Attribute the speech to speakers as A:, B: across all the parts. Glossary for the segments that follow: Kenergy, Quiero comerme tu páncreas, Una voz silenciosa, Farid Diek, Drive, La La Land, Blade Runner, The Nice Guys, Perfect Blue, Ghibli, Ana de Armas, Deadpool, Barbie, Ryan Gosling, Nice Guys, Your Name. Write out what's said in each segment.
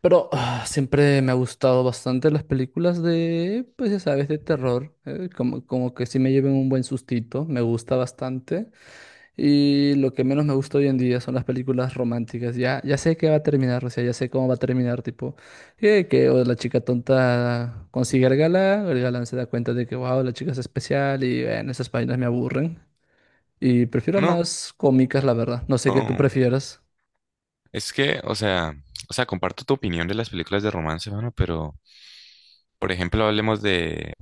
A: Pero siempre me ha gustado bastante las películas de, pues ya sabes, de terror. Como que sí me lleven un buen sustito, me gusta bastante. Y lo que menos me gusta hoy en día son las películas románticas. Ya sé que va a terminar, o sea, ya sé cómo va a terminar, tipo, que o la chica tonta consigue al galán, el galán se da cuenta de que, wow, la chica es especial y bueno, esas páginas me aburren. Y
B: Ah,
A: prefiero
B: no,
A: más cómicas, la verdad. No sé qué tú
B: no.
A: prefieras.
B: Es que, o sea, comparto tu opinión de las películas de romance, mano, pero, por ejemplo, hablemos de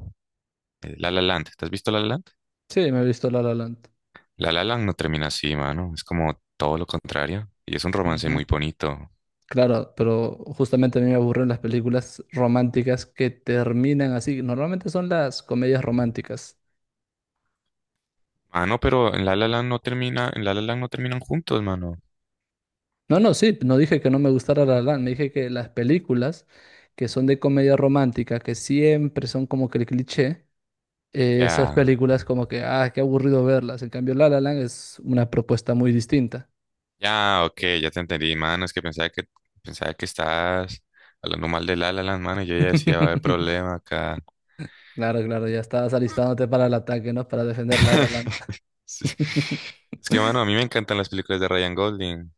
B: La La Land. ¿Te has visto La La Land?
A: Sí, me he visto La La Land.
B: La La Land no termina así, mano. Es como todo lo contrario. Y es un romance muy bonito.
A: Claro, pero justamente a mí me aburren las películas románticas que terminan así. Normalmente son las comedias románticas.
B: Mano, pero en La La Land no termina, en La La Land no terminan juntos, mano.
A: No, no, sí, no dije que no me gustara La La Land, me dije que las películas que son de comedia romántica, que siempre son como que el cliché, esas
B: Ya,
A: películas como que, ah, qué aburrido verlas. En cambio, La La Land es una propuesta muy distinta.
B: ya, ok, ya te entendí, mano. Es que pensaba que estabas hablando mal de La La Land, mano, y yo ya decía, va a haber problema acá.
A: Claro, claro, ya estabas alistándote para el ataque, ¿no? Para defender La La Land.
B: Sí. Es que, mano, a mí me encantan las películas de Ryan Golding,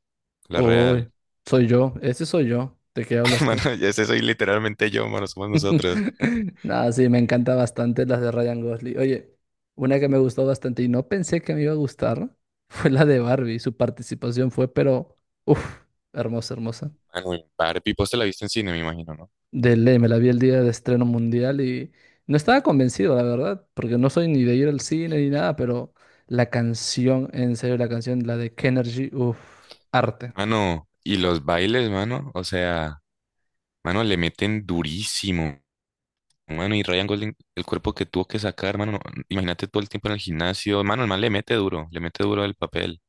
B: la real.
A: Uy, soy yo, ese soy yo. ¿De qué hablas tú?
B: Mano, ya ese soy literalmente yo, mano, somos nosotros.
A: No, sí, me encanta bastante las de Ryan Gosling. Oye, una que me gustó bastante y no pensé que me iba a gustar fue la de Barbie. Su participación fue, pero, uff, hermosa, hermosa.
B: Mano, y Barbie, vos te la viste en cine, me imagino, ¿no?
A: De ley, me la vi el día de estreno mundial y no estaba convencido, la verdad, porque no soy ni de ir al cine ni nada, pero la canción, en serio, la canción, la de Kenergy, uff, arte.
B: Mano, y los bailes, mano, o sea, mano, le meten durísimo. Mano, y Ryan Golding, el cuerpo que tuvo que sacar, mano, imagínate todo el tiempo en el gimnasio. Mano, el man le mete duro al papel.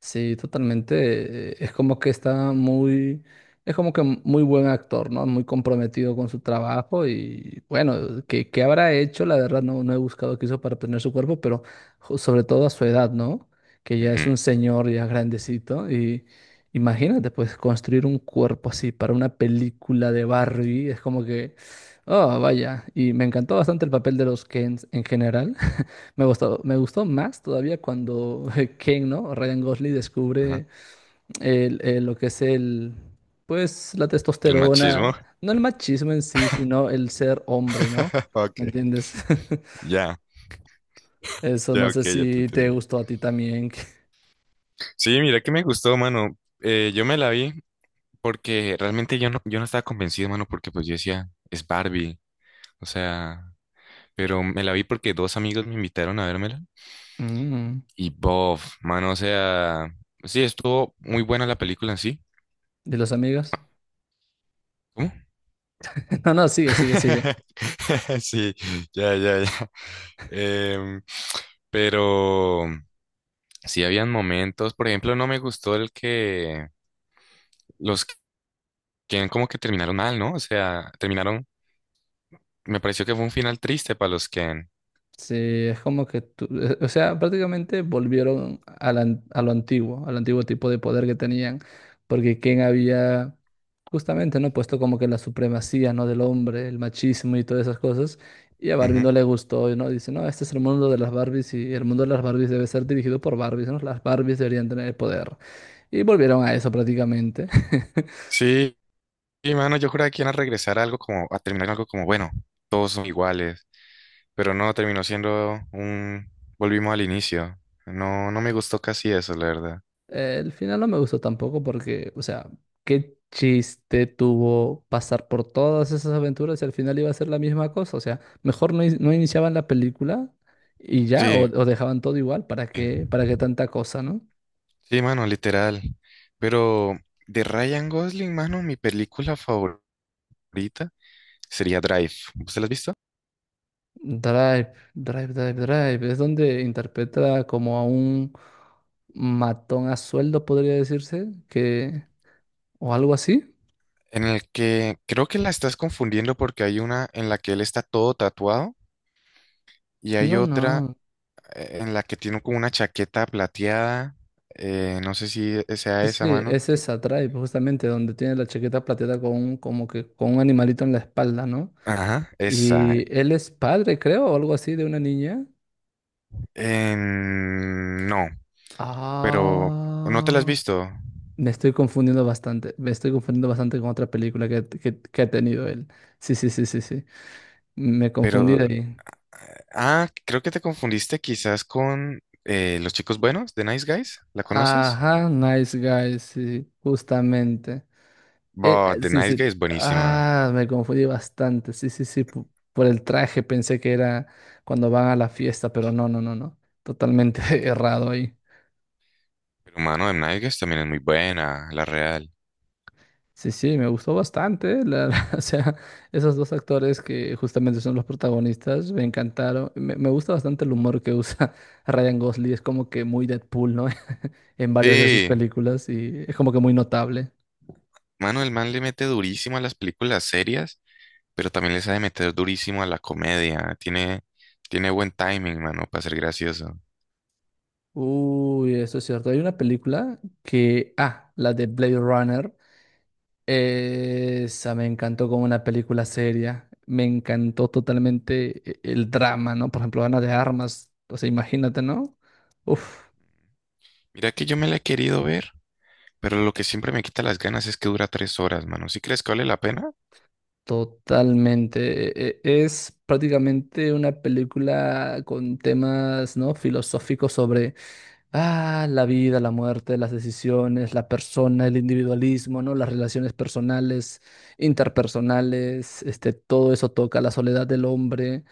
A: Sí, totalmente. Es como que está muy, es como que muy buen actor, ¿no? Muy comprometido con su trabajo y bueno, ¿qué habrá hecho? La verdad no, no he buscado qué hizo para tener su cuerpo, pero sobre todo a su edad, ¿no? Que ya es un
B: Mm,
A: señor ya grandecito y imagínate, pues construir un cuerpo así para una película de Barbie, es como que, oh, vaya, y me encantó bastante el papel de los Kens en general. Me gustó más todavía cuando Ken, ¿no? Ryan Gosling
B: ajá.
A: descubre lo que es el, pues, la
B: El machismo.
A: testosterona, no el machismo en sí, sino el ser hombre, ¿no? ¿Me
B: Ok,
A: entiendes?
B: ya,
A: Eso
B: ya,
A: no
B: ok,
A: sé
B: ya te
A: si te
B: entendí.
A: gustó a ti también.
B: Sí, mira que me gustó, mano. Yo me la vi porque realmente yo no estaba convencido, mano, porque pues yo decía, es Barbie. O sea, pero me la vi porque dos amigos me invitaron a vérmela.
A: Mm,
B: Y bof, mano, o sea, sí, estuvo muy buena la película en sí.
A: ¿De los amigos?
B: ¿Cómo?
A: No, no, sigue, sigue, sigue.
B: Sí, ya, ya, ya. Em, pero sí habían momentos, por ejemplo, no me gustó el que los que como que terminaron mal, ¿no? O sea, terminaron. Me pareció que fue un final triste para los Ken.
A: Sí, es como que tú, o sea, prácticamente volvieron a, a lo antiguo, al antiguo tipo de poder que tenían, porque Ken había justamente, ¿no? Puesto como que la supremacía, ¿no? Del hombre, el machismo y todas esas cosas. Y a Barbie
B: Ujú.
A: no le gustó, ¿no? Dice, no, este es el mundo de las Barbies y el mundo de las Barbies debe ser dirigido por Barbies, ¿no? Las Barbies deberían tener el poder. Y volvieron a eso prácticamente.
B: Sí, y mano, yo juraba que iban a regresar a algo como, a terminar algo como, bueno, todos son iguales, pero no, terminó siendo un, volvimos al inicio. No, no me gustó casi eso, la verdad.
A: El final no me gustó tampoco porque, o sea, qué chiste tuvo pasar por todas esas aventuras y al final iba a ser la misma cosa. O sea, mejor no, no iniciaban la película y ya,
B: Sí,
A: o dejaban todo igual. ¿Para qué tanta cosa, ¿no?
B: sí, mano, literal. Pero de Ryan Gosling, mano, mi película favorita sería Drive. ¿Usted la has visto?
A: Drive, Drive, Drive, Drive. Es donde interpreta como a un matón a sueldo, podría decirse, que o algo así.
B: En el que creo que la estás confundiendo porque hay una en la que él está todo tatuado y hay
A: No,
B: otra
A: no.
B: en la que tiene como una chaqueta plateada. No sé si sea
A: Sí,
B: esa
A: sí,
B: mano.
A: es esa Drive, justamente donde tiene la chaqueta plateada como que con un animalito en la espalda, ¿no?
B: Ajá, esa.
A: Y él es padre, creo, o algo así de una niña.
B: No, pero no te la has
A: Ah,
B: visto.
A: me estoy confundiendo bastante. Me estoy confundiendo bastante con otra película que, que ha tenido él. Sí, sí, sí, sí, sí. Me
B: Pero,
A: confundí de ahí.
B: ah, creo que te confundiste quizás con Los Chicos Buenos de Nice Guys. ¿La conoces?
A: Ajá, Nice Guys, sí, justamente.
B: Bah, The
A: Sí,
B: Nice
A: sí.
B: Guys es buenísima.
A: Ah, me confundí bastante. Sí, sí, sí. Por el traje pensé que era cuando van a la fiesta, pero no, no, no, no. Totalmente errado ahí.
B: Pero mano, The Nice Guys también es muy buena, la real.
A: Sí, sí, me gustó bastante. O sea, esos dos actores que justamente son los protagonistas me encantaron. Me gusta bastante el humor que usa Ryan Gosling. Es como que muy Deadpool, ¿no? En varias de sus
B: Sí,
A: películas y es como que muy notable.
B: mano, el man le mete durísimo a las películas serias, pero también le sabe meter durísimo a la comedia. Tiene buen timing, mano, para ser gracioso.
A: Uy, eso es cierto. Hay una película que, ah, la de Blade Runner. Esa me encantó como una película seria. Me encantó totalmente el drama, ¿no? Por ejemplo, Ana de Armas. O sea, imagínate, ¿no? Uf,
B: Mira que yo me la he querido ver, pero lo que siempre me quita las ganas es que dura tres horas, mano. ¿Sí crees que vale la pena?
A: totalmente. Es prácticamente una película con temas, ¿no? Filosóficos. Ah, la vida, la muerte, las decisiones, la persona, el individualismo, ¿no? Las relaciones personales, interpersonales, este, todo eso toca la soledad del hombre,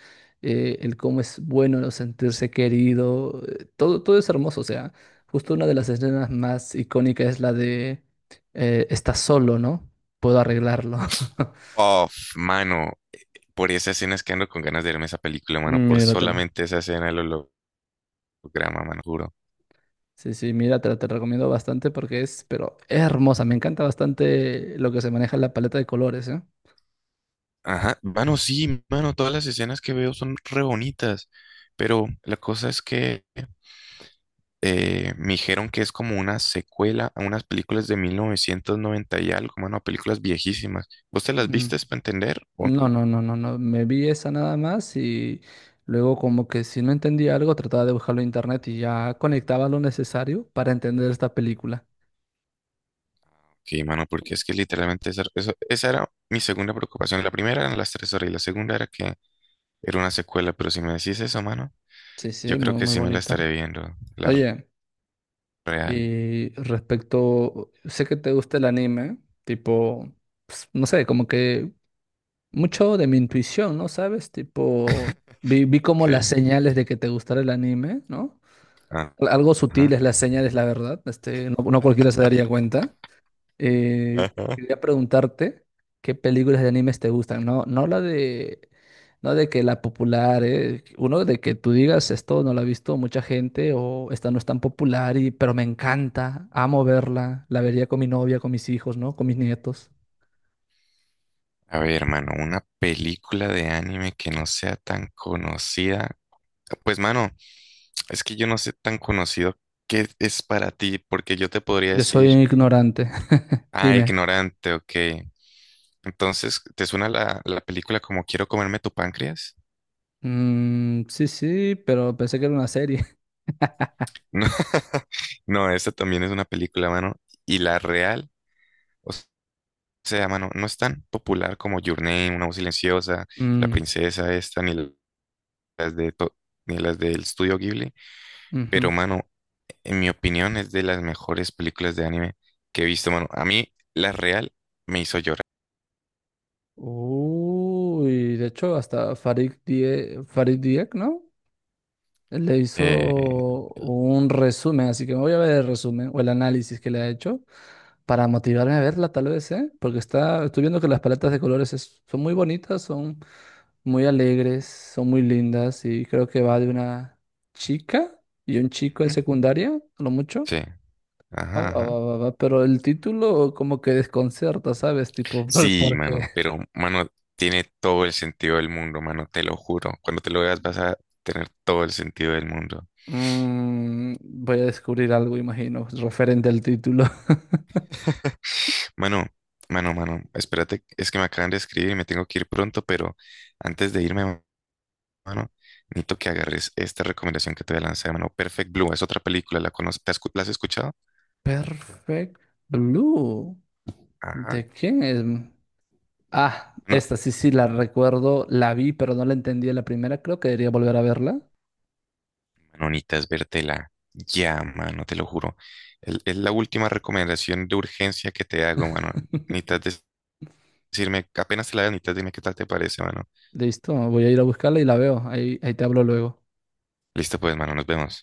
A: el cómo es bueno no sentirse querido, todo, todo es hermoso, o sea, justo una de las escenas más icónicas es la de estás solo, ¿no? Puedo arreglarlo.
B: Uf, mano, por esa escena es que ando con ganas de verme esa película, mano, por
A: Míratela.
B: solamente esa escena del holograma, mano, juro.
A: Sí, sí, míratela, te recomiendo bastante porque es, pero es hermosa, me encanta bastante lo que se maneja en la paleta de colores, ¿eh?
B: Ajá, mano, sí, mano, todas las escenas que veo son re bonitas, pero la cosa es que me dijeron que es como una secuela a unas películas de 1990 y algo, mano, películas viejísimas. ¿Vos te las
A: Mm.
B: viste para entender o no?
A: No, no, no, no, no. Me vi esa nada más y luego como que si no entendía algo trataba de buscarlo en internet y ya conectaba lo necesario para entender esta película.
B: Ok, mano, porque es que literalmente esa era mi segunda preocupación. La primera eran las tres horas y la segunda era que era una secuela, pero si me decís eso, mano,
A: Sí, sí,
B: yo creo
A: muy,
B: que
A: muy
B: sí me la
A: bonita.
B: estaré viendo, la
A: Oye,
B: real.
A: y respecto, sé que te gusta el anime, tipo, no sé, como que mucho de mi intuición, ¿no? ¿Sabes? Tipo, vi como
B: Ok.
A: las señales de que te gustara el anime, ¿no?
B: Ajá.
A: Algo sutiles las señales, la verdad. Este, no, no cualquiera se daría cuenta. Eh,
B: Ajá.
A: quería preguntarte qué películas de animes te gustan. No, no la de, no de que la popular, uno de que tú digas esto no la ha visto mucha gente o esta no es tan popular y, pero me encanta, amo verla, la vería con mi novia, con mis hijos, ¿no? Con mis nietos.
B: A ver, mano, una película de anime que no sea tan conocida. Pues, mano. Es que yo no sé tan conocido qué es para ti, porque yo te podría
A: Yo soy
B: decir,
A: un ignorante.
B: ah,
A: Dime.
B: ignorante, ok. Entonces, ¿te suena la película como Quiero comerme tu páncreas?
A: Mm, sí, sí, pero pensé que era una serie.
B: No, no, esa también es una película, mano. Y la real, o sea, mano, no es tan popular como Your Name, Una voz silenciosa, La
A: Mm,
B: princesa esta, ni las de to- ni las del estudio Ghibli.
A: ujú.
B: Pero, mano, en mi opinión es de las mejores películas de anime que he visto, mano. A mí, la real me hizo llorar.
A: Uy, de hecho hasta Farid Diek, ¿no? Le
B: Eh,
A: hizo un resumen, así que me voy a ver el resumen o el análisis que le ha hecho para motivarme a verla, tal vez, ¿eh? Porque está, estoy viendo que las paletas de colores son muy bonitas, son muy alegres, son muy lindas y creo que va de una chica y un chico en
B: ujú.
A: secundaria, a lo mucho.
B: Sí,
A: Ah,
B: ajá, ajá.
A: pero el título como que desconcerta, ¿sabes? Tipo, ¿por,
B: Sí,
A: por qué?
B: mano, pero, mano, tiene todo el sentido del mundo, mano, te lo juro. Cuando te lo veas vas a tener todo el sentido del mundo.
A: Mm, voy a descubrir algo, imagino, referente al título.
B: Mano, mano, mano, espérate, es que me acaban de escribir y me tengo que ir pronto, pero antes de irme, mano, necesito que agarres esta recomendación que te voy a lanzar, mano. Perfect Blue, es otra película, ¿la conoces? ¿La has escuchado?
A: Perfect Blue.
B: Ajá.
A: ¿De quién es? Ah,
B: No,
A: esta sí, sí, la recuerdo. La vi, pero no la entendí en la primera. Creo que debería volver a verla.
B: mano, necesitas vértela. Ya, mano, te lo juro. Es la última recomendación de urgencia que te hago, mano. Necesitas decirme, apenas te la veas, mitad, dime qué tal te parece, mano.
A: Listo, voy a ir a buscarla y la veo. Ahí, ahí te hablo luego.
B: Listo, pues, mano, nos vemos.